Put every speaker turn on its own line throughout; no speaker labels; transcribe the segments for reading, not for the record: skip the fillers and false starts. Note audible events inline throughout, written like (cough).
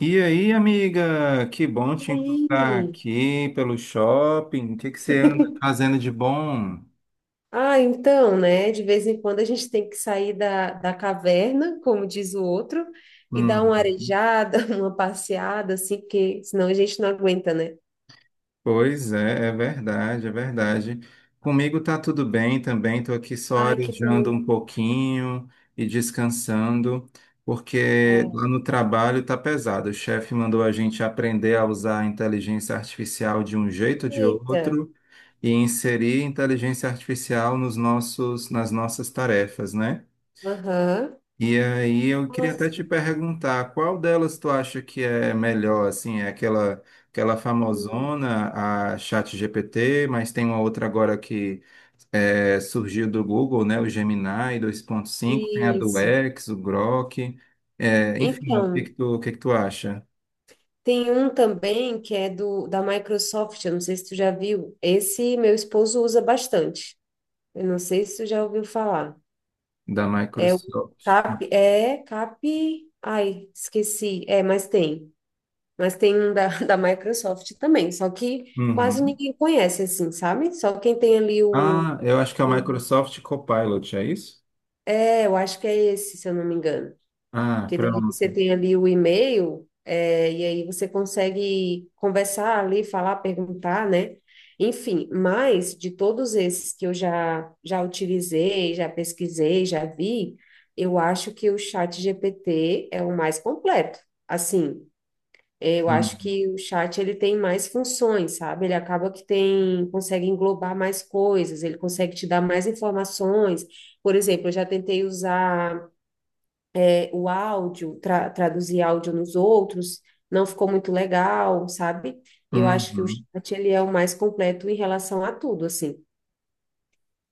E aí, amiga, que bom
E
te encontrar
aí?
aqui pelo shopping. O que que você anda fazendo de bom?
Ah, então, né? De vez em quando a gente tem que sair da caverna, como diz o outro, e dar uma
Uhum.
arejada, (laughs) uma passeada, assim, porque senão a gente não aguenta, né?
Pois é, é verdade, é verdade. Comigo tá tudo bem também, tô aqui só
Ai, que
arejando
bom.
um pouquinho e descansando, porque
É.
lá no trabalho tá pesado. O chefe mandou a gente aprender a usar a inteligência artificial de um jeito ou de
Eita.
outro e inserir inteligência artificial nas nossas tarefas, né?
Aham.
E aí eu queria até
Nossa.
te perguntar, qual delas tu acha que é melhor, assim, é aquela
Hum.
famosona, a ChatGPT, mas tem uma outra agora que é, surgiu do Google, né, o Gemini 2.5, tem a do
Isso.
X, o Grok, é, enfim,
Então,
o que que tu acha
tem um também que é do da Microsoft, eu não sei se tu já viu. Esse meu esposo usa bastante. Eu não sei se tu já ouviu falar.
da
É o
Microsoft?
Cap, é Cap, ai, esqueci. É, mas tem. Mas tem um da, (laughs) da Microsoft também, só que quase
Uhum.
ninguém conhece assim, sabe? Só quem tem ali
Ah, eu acho que é o
o,
Microsoft Copilot, é isso?
é, eu acho que é esse, se eu não me engano.
Ah,
Que daí você
pronto.
tem ali o e-mail, é, e aí você consegue conversar ali, falar, perguntar, né? Enfim, mas de todos esses que eu já utilizei, já pesquisei, já vi, eu acho que o chat GPT é o mais completo. Assim, eu acho
Uhum.
que o chat ele tem mais funções, sabe? Ele acaba que tem, consegue englobar mais coisas, ele consegue te dar mais informações. Por exemplo, eu já tentei usar o áudio, tra traduzir áudio nos outros, não ficou muito legal, sabe? Eu acho que o
Uhum.
chat ele é o mais completo em relação a tudo, assim.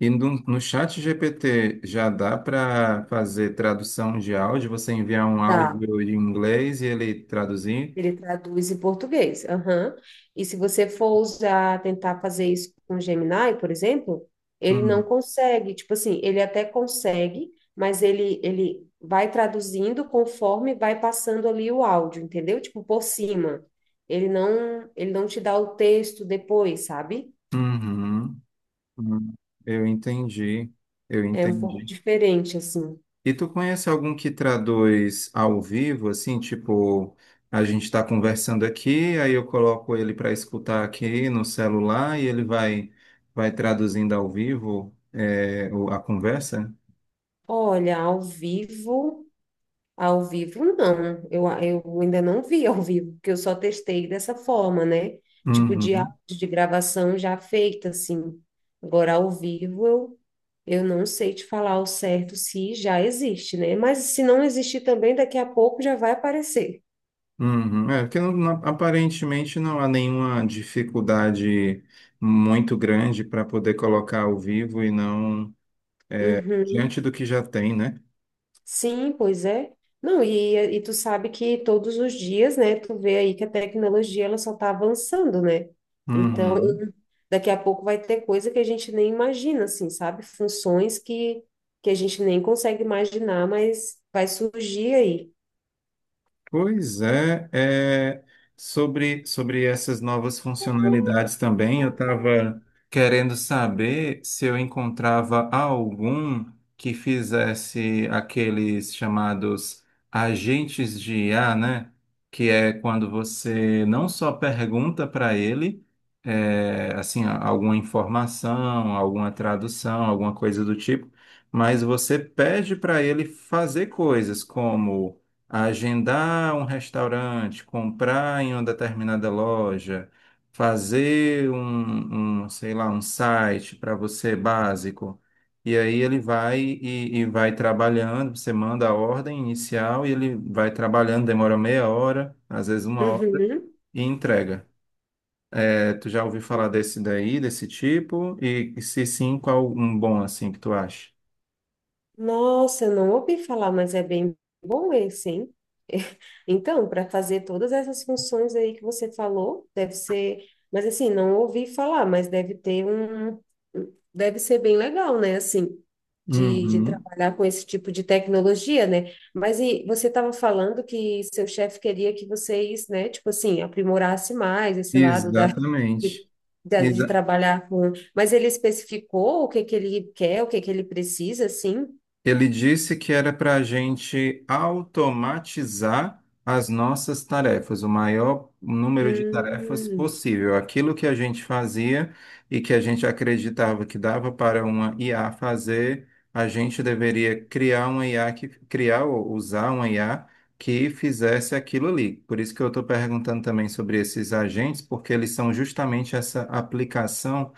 E no chat GPT já dá para fazer tradução de áudio? Você enviar um
Dá.
áudio em inglês e ele traduzir?
Ele traduz em português. Aham. E se você for usar, tentar fazer isso com o Gemini, por exemplo, ele não
Uhum.
consegue. Tipo assim, ele até consegue, mas ele vai traduzindo conforme vai passando ali o áudio, entendeu? Tipo, por cima. Ele não te dá o texto depois, sabe?
Uhum. Uhum. Eu entendi, eu
É um pouco
entendi.
diferente, assim.
E tu conhece algum que traduz ao vivo, assim, tipo, a gente está conversando aqui, aí eu coloco ele para escutar aqui no celular e ele vai traduzindo ao vivo, é, a conversa?
Olha, ao vivo não. Eu ainda não vi ao vivo, porque eu só testei dessa forma, né? Tipo de áudio
Uhum.
de gravação já feita, assim. Agora, ao vivo, eu não sei te falar ao certo se já existe, né? Mas se não existir também, daqui a pouco já vai aparecer.
Uhum, é, porque aparentemente não há nenhuma dificuldade muito grande para poder colocar ao vivo e não
Uhum.
diante do que já tem, né?
Sim, pois é. Não, e tu sabe que todos os dias, né, tu vê aí que a tecnologia ela só está avançando, né? Então,
Uhum.
daqui a pouco vai ter coisa que a gente nem imagina, assim, sabe? Funções que a gente nem consegue imaginar, mas vai surgir aí.
Pois é, sobre essas novas funcionalidades também, eu estava querendo saber se eu encontrava algum que fizesse aqueles chamados agentes de IA, né? Que é quando você não só pergunta para ele, assim, alguma informação, alguma tradução, alguma coisa do tipo, mas você pede para ele fazer coisas como agendar um restaurante, comprar em uma determinada loja, fazer sei lá, um site para você básico. E aí ele vai e vai trabalhando, você manda a ordem inicial e ele vai trabalhando, demora meia hora, às vezes uma hora,
Uhum.
e entrega. É, tu já ouviu falar desse daí, desse tipo? E se sim, qual um bom assim que tu acha?
Nossa, eu não ouvi falar, mas é bem bom esse, hein? (laughs) Então, para fazer todas essas funções aí que você falou, deve ser, mas assim, não ouvi falar, mas deve ter um, um, deve ser bem legal, né? Assim, de
Uhum.
trabalhar com esse tipo de tecnologia, né? Mas e você estava falando que seu chefe queria que vocês, né, tipo assim, aprimorasse mais esse lado da, de,
Exatamente.
de trabalhar com, mas ele especificou o que que ele quer, o que que ele precisa, assim?
Ele disse que era para a gente automatizar as nossas tarefas, o maior número de tarefas
Hum,
possível. Aquilo que a gente fazia e que a gente acreditava que dava para uma IA fazer, a gente deveria criar uma IA que criar ou usar uma IA que fizesse aquilo ali. Por isso que eu estou perguntando também sobre esses agentes, porque eles são justamente essa aplicação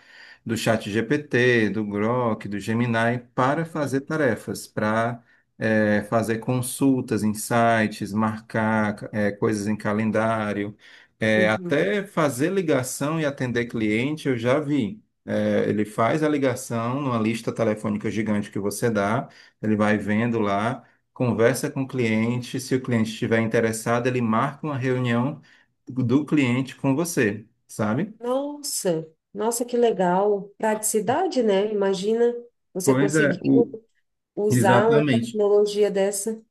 do ChatGPT, do Grok, do Gemini para fazer
aham.
tarefas, para fazer consultas em sites, marcar coisas em calendário,
Uhum.
até fazer ligação e atender cliente, eu já vi. Ele faz a ligação numa lista telefônica gigante que você dá, ele vai vendo lá, conversa com o cliente, se o cliente estiver interessado, ele marca uma reunião do cliente com você, sabe?
Nossa, nossa, que legal. Praticidade, né? Imagina você
Pois é,
conseguiu usar uma
exatamente,
tecnologia dessa.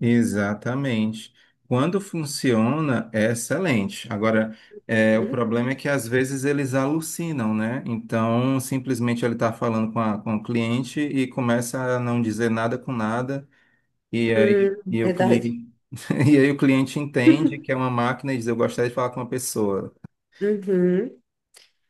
exatamente. Quando funciona, é excelente. Agora, o
Uhum.
problema é que às vezes eles alucinam, né? Então, simplesmente ele está falando com o cliente e começa a não dizer nada com nada, e aí,
Hum,
e o
verdade.
cliente, (laughs) e aí o cliente entende que é uma máquina e diz, eu gostaria de falar com uma pessoa.
Uhum.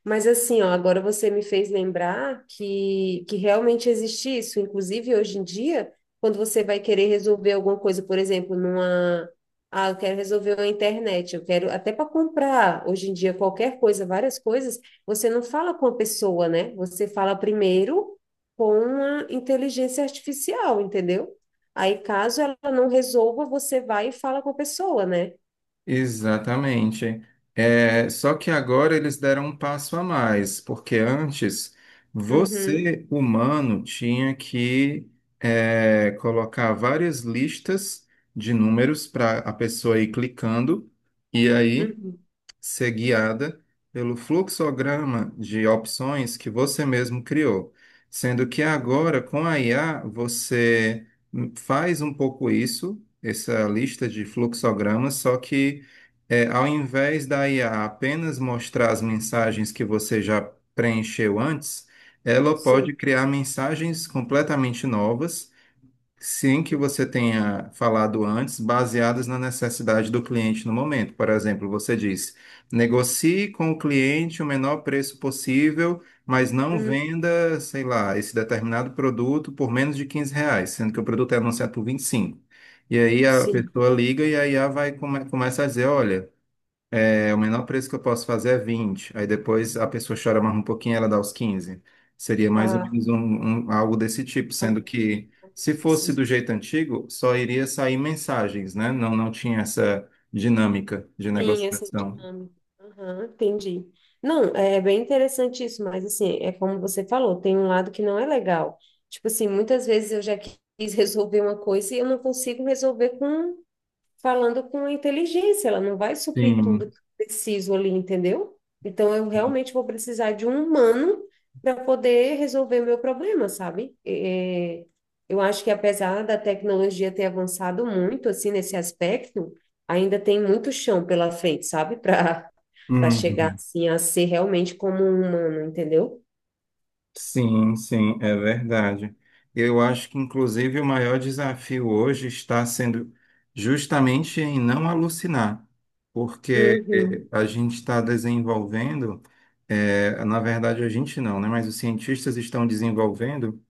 Mas assim, ó, agora você me fez lembrar que realmente existe isso. Inclusive, hoje em dia, quando você vai querer resolver alguma coisa, por exemplo, numa. Ah, eu quero resolver a internet, eu quero até para comprar hoje em dia qualquer coisa, várias coisas, você não fala com a pessoa, né? Você fala primeiro com uma inteligência artificial, entendeu? Aí, caso ela não resolva, você vai e fala com a pessoa, né?
Exatamente. Só que agora eles deram um passo a mais, porque antes
Uhum,
você, humano, tinha que colocar várias listas de números para a pessoa ir clicando, e aí
uhum.
ser guiada pelo fluxograma de opções que você mesmo criou. Sendo que agora,
Uhum.
com a IA, você faz um pouco isso, essa lista de fluxogramas, só que ao invés da IA apenas mostrar as mensagens que você já preencheu antes, ela pode
Sim.
criar mensagens completamente novas. Sim, que você
Uhum.
tenha falado antes, baseadas na necessidade do cliente no momento. Por exemplo, você disse: negocie com o cliente o menor preço possível, mas não
Uhum.
venda, sei lá, esse determinado produto por menos de R$ 15, sendo que o produto é anunciado por 25. E cinco. E aí a
Sim.
pessoa liga e aí a começa a dizer: olha. O menor preço que eu posso fazer é 20. Aí depois a pessoa chora mais um pouquinho, ela dá os 15. Seria mais ou
Ah,
menos algo desse tipo, sendo
alguma
que
coisa
se fosse do
assim.
jeito antigo, só iria sair mensagens, né? Não, não tinha essa dinâmica de
Sim, essa
negociação.
dinâmica. Aham, entendi. Não, é bem interessante isso, mas assim, é como você falou, tem um lado que não é legal. Tipo assim, muitas vezes eu já quis (laughs) resolver uma coisa e eu não consigo resolver com falando com inteligência, ela não vai suprir tudo
Sim.
que eu preciso ali, entendeu? Então eu realmente vou precisar de um humano para poder resolver meu problema, sabe? É, é, eu acho que apesar da tecnologia ter avançado muito assim nesse aspecto, ainda tem muito chão pela frente, sabe? (laughs) Para chegar
Uhum.
assim a ser realmente como um humano, entendeu?
Sim, sim, é verdade. Eu acho que, inclusive, o maior desafio hoje está sendo justamente em não alucinar, porque
Uhum,
a gente está desenvolvendo, na verdade, a gente não, né? Mas os cientistas estão desenvolvendo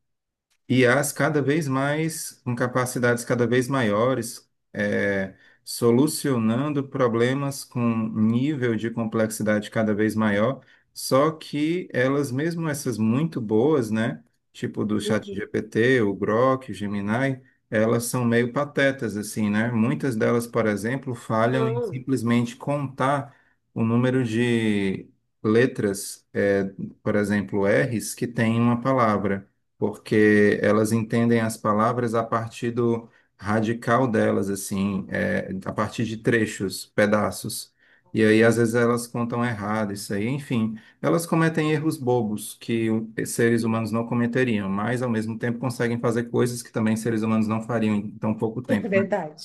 I as cada vez mais, com capacidades cada vez maiores, solucionando problemas com nível de complexidade cada vez maior, só que elas, mesmo essas muito boas, né, tipo do
uhum.
ChatGPT, o Grok, o Gemini, elas são meio patetas, assim, né? Muitas delas, por exemplo, falham em
Não.
simplesmente contar o número de letras, por exemplo, R's que tem em uma palavra porque elas entendem as palavras a partir do radical delas, assim, a partir de trechos, pedaços. E aí, às vezes, elas contam errado isso aí. Enfim, elas cometem erros bobos que seres humanos
(laughs)
não cometeriam, mas, ao mesmo tempo, conseguem fazer coisas que também seres humanos não fariam em tão pouco
É
tempo, né?
verdade,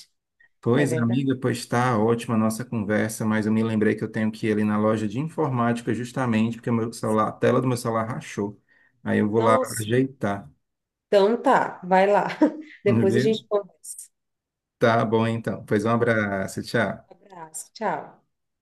é
Pois,
verdade.
amiga, pois está ótima a nossa conversa, mas eu me lembrei que eu tenho que ir ali na loja de informática justamente porque o meu celular, a tela do meu celular rachou. Aí eu vou lá
Nossa.
ajeitar.
Então tá, vai lá. (laughs)
Uhum.
Depois a gente conversa.
Tá bom, então. Pois um abraço, tchau.
Abraço, tchau.